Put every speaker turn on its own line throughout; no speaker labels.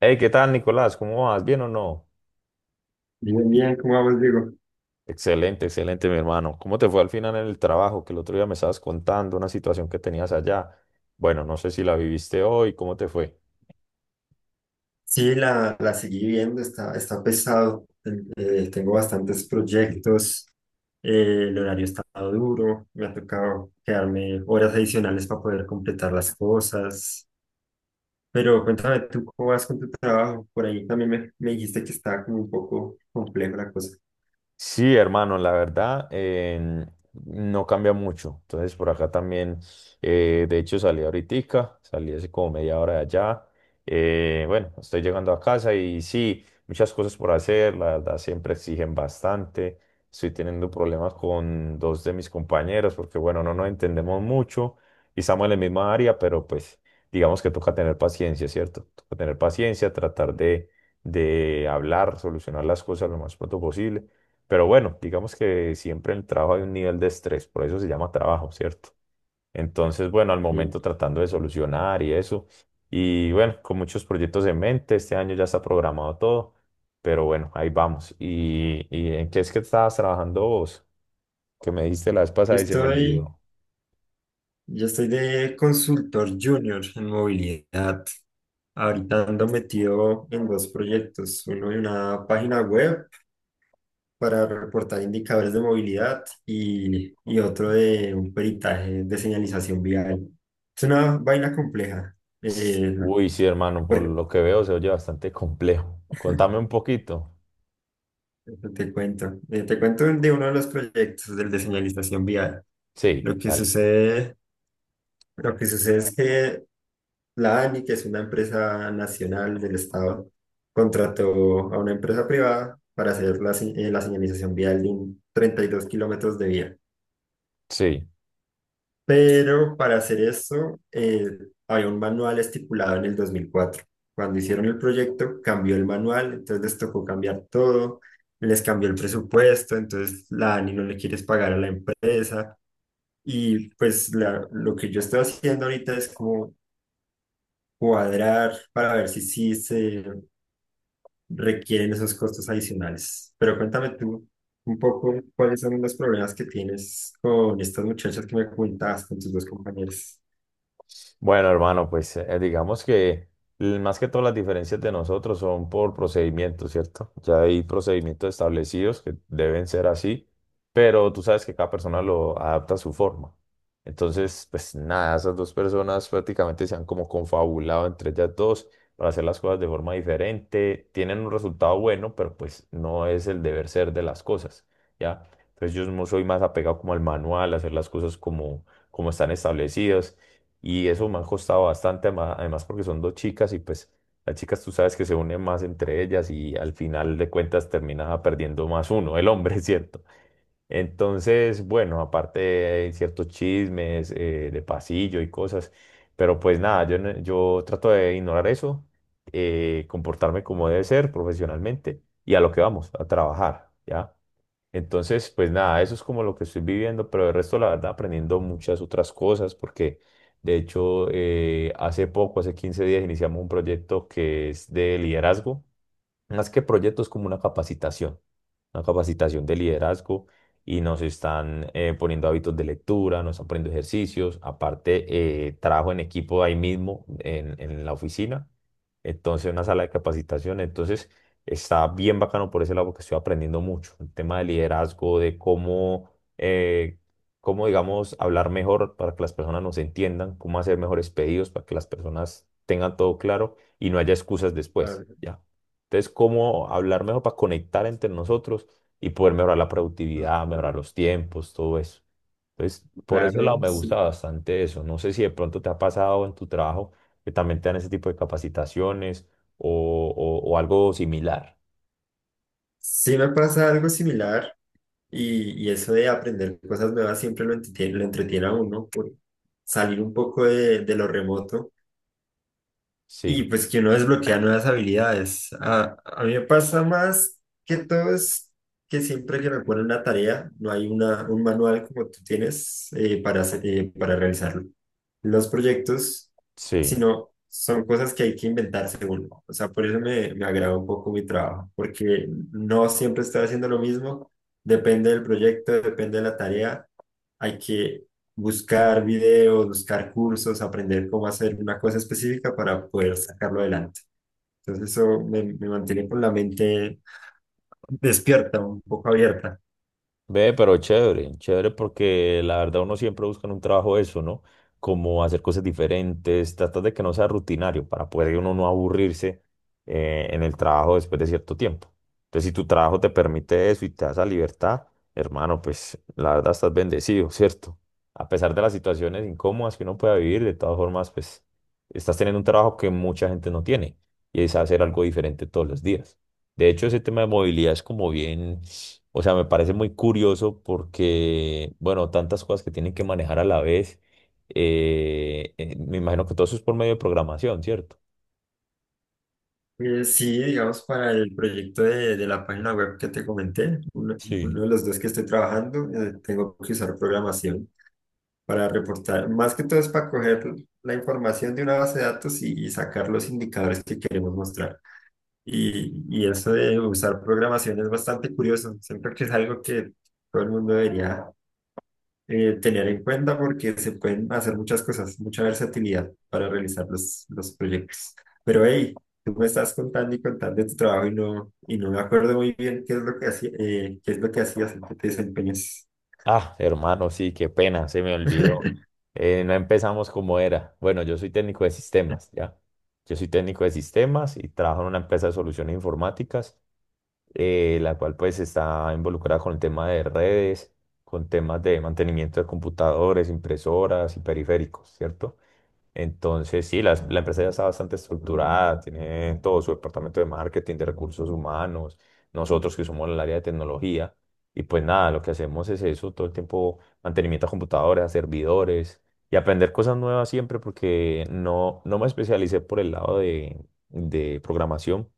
Hey, ¿qué tal, Nicolás? ¿Cómo vas? ¿Bien o no?
Bien, bien, ¿cómo vamos, Diego?
Excelente, excelente, mi hermano. ¿Cómo te fue al final en el trabajo? Que el otro día me estabas contando una situación que tenías allá. Bueno, no sé si la viviste hoy, ¿cómo te fue?
Sí, la seguí viendo, está pesado, tengo bastantes proyectos, el horario está duro, me ha tocado quedarme horas adicionales para poder completar las cosas, pero cuéntame tú cómo vas con tu trabajo, por ahí también me dijiste que estaba como un poco compleja la cosa.
Sí, hermano, la verdad no cambia mucho. Entonces por acá también, de hecho salí ahoritica, salí hace como media hora de allá. Bueno, estoy llegando a casa y sí, muchas cosas por hacer, la verdad siempre exigen bastante. Estoy teniendo problemas con dos de mis compañeros porque bueno, no nos entendemos mucho y estamos en la misma área, pero pues digamos que toca tener paciencia, ¿cierto? Toca tener paciencia, tratar de hablar, solucionar las cosas lo más pronto posible. Pero bueno, digamos que siempre en el trabajo hay un nivel de estrés, por eso se llama trabajo, ¿cierto? Entonces, bueno, al
Sí.
momento tratando de solucionar y eso. Y bueno, con muchos proyectos en mente, este año ya está programado todo, pero bueno, ahí vamos. Y en qué es que estabas trabajando vos? Que me diste la vez
Yo
pasada y se me
estoy,
olvidó.
yo estoy de consultor junior en movilidad, ahorita ando metido en dos proyectos, uno de una página web, para reportar indicadores de movilidad y otro de un peritaje de señalización vial. Es una vaina compleja, eh,
Uy, sí, hermano, por
porque
lo que veo se oye bastante complejo. Contame un poquito.
te cuento de uno de los proyectos del de señalización vial.
Sí,
Lo que
dale.
sucede, lo que sucede es que la ANI, que es una empresa nacional del Estado, contrató a una empresa privada para hacer la señalización vial de un 32 kilómetros de vía.
Sí.
Pero para hacer eso, había un manual estipulado en el 2004. Cuando hicieron el proyecto, cambió el manual, entonces les tocó cambiar todo, les cambió el presupuesto, entonces la ANI no le quieres pagar a la empresa. Y pues lo que yo estoy haciendo ahorita es como cuadrar para ver si sí se requieren esos costos adicionales. Pero cuéntame tú un poco cuáles son los problemas que tienes con estas muchachas que me comentabas, con tus dos compañeros.
Bueno, hermano, pues digamos que más que todas las diferencias de nosotros son por procedimientos, ¿cierto? Ya hay procedimientos establecidos que deben ser así, pero tú sabes que cada persona lo adapta a su forma. Entonces, pues nada, esas dos personas prácticamente se han como confabulado entre ellas dos para hacer las cosas de forma diferente. Tienen un resultado bueno, pero pues no es el deber ser de las cosas, ¿ya? Entonces yo no soy más apegado como al manual, a hacer las cosas como, como están establecidas. Y eso me ha costado bastante, además porque son dos chicas y pues las chicas tú sabes que se unen más entre ellas y al final de cuentas termina perdiendo más uno, el hombre, ¿cierto? Entonces, bueno, aparte hay ciertos chismes de pasillo y cosas, pero pues nada, yo, no- yo trato de ignorar eso, comportarme como debe ser profesionalmente y a lo que vamos, a trabajar, ¿ya? Entonces, pues nada, eso es como lo que estoy viviendo, pero el resto, la verdad, aprendiendo muchas otras cosas, porque de hecho, hace poco, hace 15 días, iniciamos un proyecto que es de liderazgo. Más que proyectos, como una capacitación de liderazgo y nos están poniendo hábitos de lectura, nos están poniendo ejercicios, aparte trabajo en equipo ahí mismo en la oficina, entonces una sala de capacitación, entonces está bien bacano por ese lado porque estoy aprendiendo mucho, el tema de liderazgo, de eh, cómo digamos, hablar mejor para que las personas nos entiendan, cómo hacer mejores pedidos para que las personas tengan todo claro y no haya excusas después, ¿ya? Entonces, cómo hablar mejor para conectar entre nosotros y poder mejorar la productividad, mejorar los tiempos, todo eso. Entonces, por ese lado
Claro,
me gusta
sí.
bastante eso. No sé si de pronto te ha pasado en tu trabajo que también te dan ese tipo de capacitaciones o algo similar.
Sí me pasa algo similar y eso de aprender cosas nuevas siempre lo entretiene a uno por salir un poco de lo remoto. Y
Sí,
pues que uno desbloquea nuevas habilidades. A mí me pasa más que todo es que siempre que me ponen una tarea, no hay una, un manual como tú tienes para realizarlo. Los proyectos,
sí.
sino son cosas que hay que inventarse uno. O sea, por eso me agrada un poco mi trabajo, porque no siempre estoy haciendo lo mismo. Depende del proyecto, depende de la tarea, hay que buscar videos, buscar cursos, aprender cómo hacer una cosa específica para poder sacarlo adelante. Entonces eso me mantiene con la mente despierta, un poco abierta.
Ve, pero chévere, chévere porque la verdad uno siempre busca en un trabajo eso, ¿no? Como hacer cosas diferentes, tratar de que no sea rutinario para poder uno no aburrirse en el trabajo después de cierto tiempo. Entonces, si tu trabajo te permite eso y te da esa libertad, hermano, pues la verdad estás bendecido, ¿cierto? A pesar de las situaciones incómodas que uno pueda vivir, de todas formas, pues estás teniendo un trabajo que mucha gente no tiene y es hacer algo diferente todos los días. De hecho, ese tema de movilidad es como bien, o sea, me parece muy curioso porque, bueno, tantas cosas que tienen que manejar a la vez. Me imagino que todo eso es por medio de programación, ¿cierto?
Sí, digamos, para el proyecto de la página web que te comenté, uno,
Sí.
uno de los dos que estoy trabajando, tengo que usar programación para reportar. Más que todo es para coger la información de una base de datos y sacar los indicadores que queremos mostrar. Y eso de usar programación es bastante curioso. Siento que es algo que todo el mundo debería tener en cuenta porque se pueden hacer muchas cosas, mucha versatilidad para realizar los proyectos. Pero hey, tú me estás contando y contando de tu trabajo y no me acuerdo muy bien qué es lo que hacías, en qué te desempeñas.
Ah, hermano, sí, qué pena, se me olvidó. No empezamos como era. Bueno, yo soy técnico de sistemas, ¿ya? Yo soy técnico de sistemas y trabajo en una empresa de soluciones informáticas, la cual pues está involucrada con el tema de redes, con temas de mantenimiento de computadores, impresoras y periféricos, ¿cierto? Entonces, sí, la empresa ya está bastante estructurada, tiene todo su departamento de marketing, de recursos humanos, nosotros que somos el área de tecnología. Y pues nada, lo que hacemos es eso, todo el tiempo mantenimiento a computadoras, a servidores y aprender cosas nuevas siempre porque no me especialicé por el lado de programación,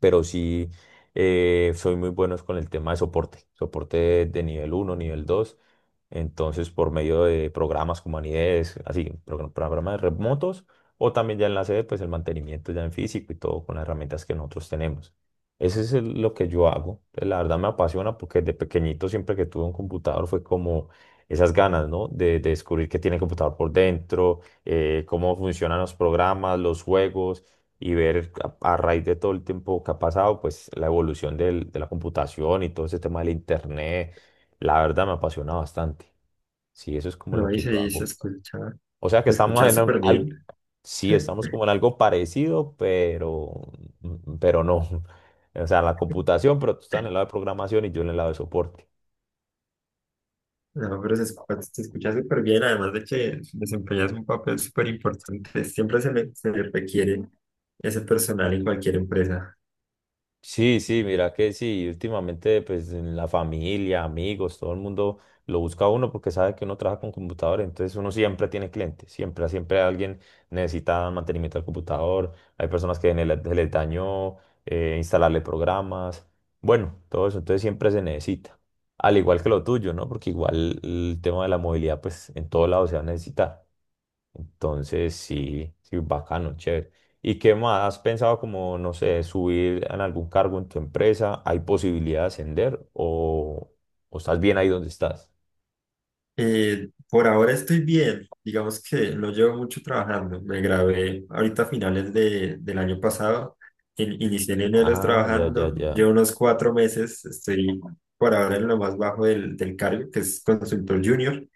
pero sí soy muy bueno con el tema de soporte, soporte de nivel uno nivel dos. Entonces, por medio de programas como Anides, así, programas remotos, o también ya en la sede, pues el mantenimiento ya en físico y todo con las herramientas que nosotros tenemos. Ese es lo que yo hago. Pues la verdad me apasiona porque de pequeñito siempre que tuve un computador fue como esas ganas, ¿no? De descubrir qué tiene el computador por dentro, cómo funcionan los programas, los juegos y ver a raíz de todo el tiempo que ha pasado, pues la evolución de la computación y todo ese tema del internet, la verdad me apasiona bastante. Sí, eso es como lo
No, y
que yo
se, se
hago.
escucha,
O sea que
se
estamos
escucha
en
súper
algo,
bien.
sí, estamos como en algo parecido, pero no. O sea, la computación, pero tú estás en el lado de programación y yo en el lado de soporte.
No, pero se escucha súper bien, además de que desempeñas un papel súper importante. Siempre se le requiere ese personal en cualquier empresa.
Sí, sí, mira que sí, últimamente pues en la familia, amigos, todo el mundo lo busca a uno porque sabe que uno trabaja con computador, entonces uno siempre tiene clientes, siempre, siempre alguien necesita mantenimiento del computador, hay personas que en el, se les dañó instalarle programas, bueno, todo eso, entonces siempre se necesita, al igual que lo tuyo, ¿no? Porque igual el tema de la movilidad pues en todo lado se va a necesitar. Entonces, sí, sí, bacano, chévere. ¿Y qué más? ¿Has pensado como, no sé, subir en algún cargo en tu empresa? ¿Hay posibilidad de ascender o estás bien ahí donde estás?
Por ahora estoy bien, digamos que no llevo mucho trabajando. Me gradué ahorita a finales del año pasado. Inicié en enero
Ah, ya, ya,
trabajando,
ya.
llevo unos 4 meses, estoy por ahora en lo más bajo del cargo, que es consultor junior.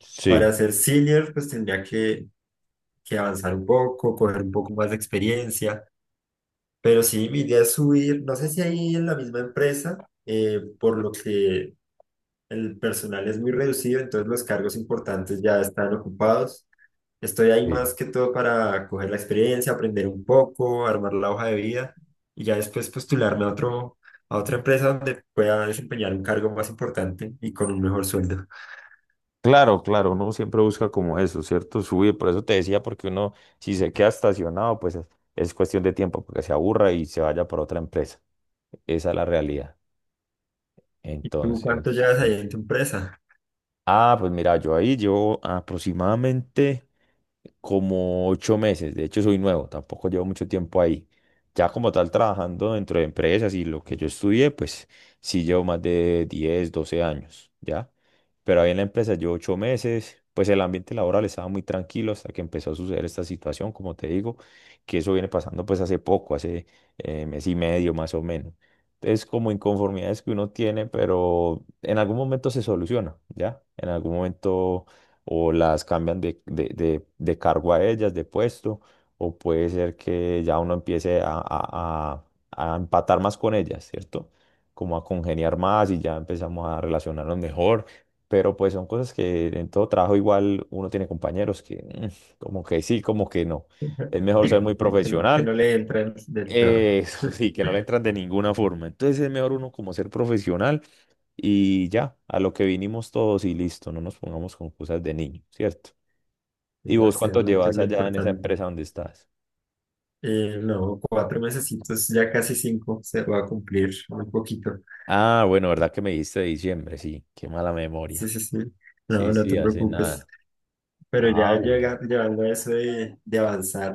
Sí.
Para ser senior, pues tendría que avanzar un poco, coger un poco más de experiencia. Pero sí, mi idea es subir, no sé si ahí en la misma empresa, por lo que el personal es muy reducido, entonces los cargos importantes ya están ocupados. Estoy ahí
Sí.
más que todo para coger la experiencia, aprender un poco, armar la hoja de vida y ya después postularme a otra empresa donde pueda desempeñar un cargo más importante y con un mejor sueldo.
Claro, claro, uno siempre busca como eso, ¿cierto? Subir, por eso te decía, porque uno, si se queda estacionado, pues es cuestión de tiempo, porque se aburra y se vaya por otra empresa. Esa es la realidad.
¿Y tú
Entonces,
cuánto llevas
sí.
ahí en tu empresa?
Ah, pues mira, yo ahí llevo aproximadamente como 8 meses. De hecho, soy nuevo, tampoco llevo mucho tiempo ahí. Ya como tal, trabajando dentro de empresas y lo que yo estudié, pues sí llevo más de 10, 12 años, ¿ya? Pero ahí en la empresa llevo 8 meses. Pues el ambiente laboral estaba muy tranquilo hasta que empezó a suceder esta situación, como te digo, que eso viene pasando pues hace poco, hace mes y medio más o menos, es como inconformidades que uno tiene, pero en algún momento se soluciona, ¿ya? En algún momento o las cambian de cargo a ellas, de puesto, o puede ser que ya uno empiece a empatar más con ellas, ¿cierto? Como a congeniar más y ya empezamos a relacionarnos mejor. Pero pues son cosas que en todo trabajo igual uno tiene compañeros que como que sí, como que no. Es mejor ser muy
Que, que
profesional,
no le entran del todo.
eso sí, que no le entran de ninguna forma. Entonces es mejor uno como ser profesional y ya, a lo que vinimos todos y listo, no nos pongamos con cosas de niño, ¿cierto?
Sí,
¿Y vos cuánto
hacerla, que es
llevas
lo
allá en esa
importante.
empresa donde estás?
No, 4 mesecitos, ya casi cinco, se va a cumplir un poquito.
Ah, bueno, ¿verdad que me dijiste de diciembre? Sí, qué mala
Sí,
memoria.
sí, sí. No,
Sí,
no
sí,
te
hace
preocupes.
nada.
Pero
Ah,
ya
bueno.
llega, llevando a eso de avanzar,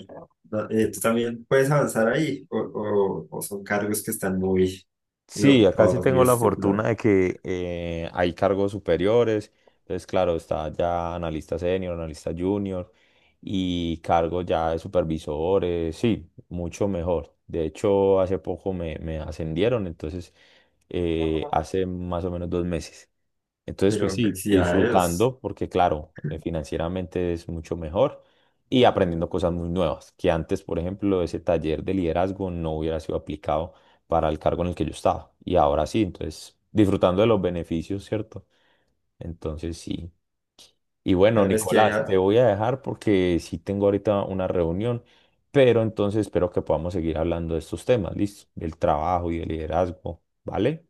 ¿no? ¿Tú también puedes avanzar ahí? ¿O son cargos que están muy, muy
Sí, acá sí
ocupados, muy
tengo la fortuna
estipulados?
de que hay cargos superiores. Entonces, claro, está ya analista senior, analista junior y cargos ya de supervisores. Sí, mucho mejor. De hecho, hace poco me ascendieron, entonces, hace más o menos 2 meses. Entonces, pues
Pero
sí,
felicidades.
disfrutando, porque claro, financieramente es mucho mejor y aprendiendo cosas muy nuevas, que antes, por ejemplo, ese taller de liderazgo no hubiera sido aplicado para el cargo en el que yo estaba. Y ahora sí, entonces, disfrutando de los beneficios, ¿cierto? Entonces, sí. Y bueno,
Claro, es que
Nicolás, te
ya,
voy a dejar porque sí tengo ahorita una reunión, pero entonces espero que podamos seguir hablando de estos temas, ¿listo? Del trabajo y del liderazgo, ¿vale?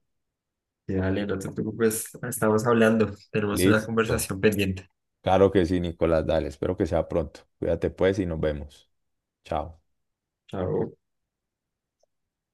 dale, no te preocupes. Estamos hablando, tenemos una
Listo.
conversación pendiente.
Claro que sí, Nicolás, dale, espero que sea pronto. Cuídate pues y nos vemos. Chao.
Chao.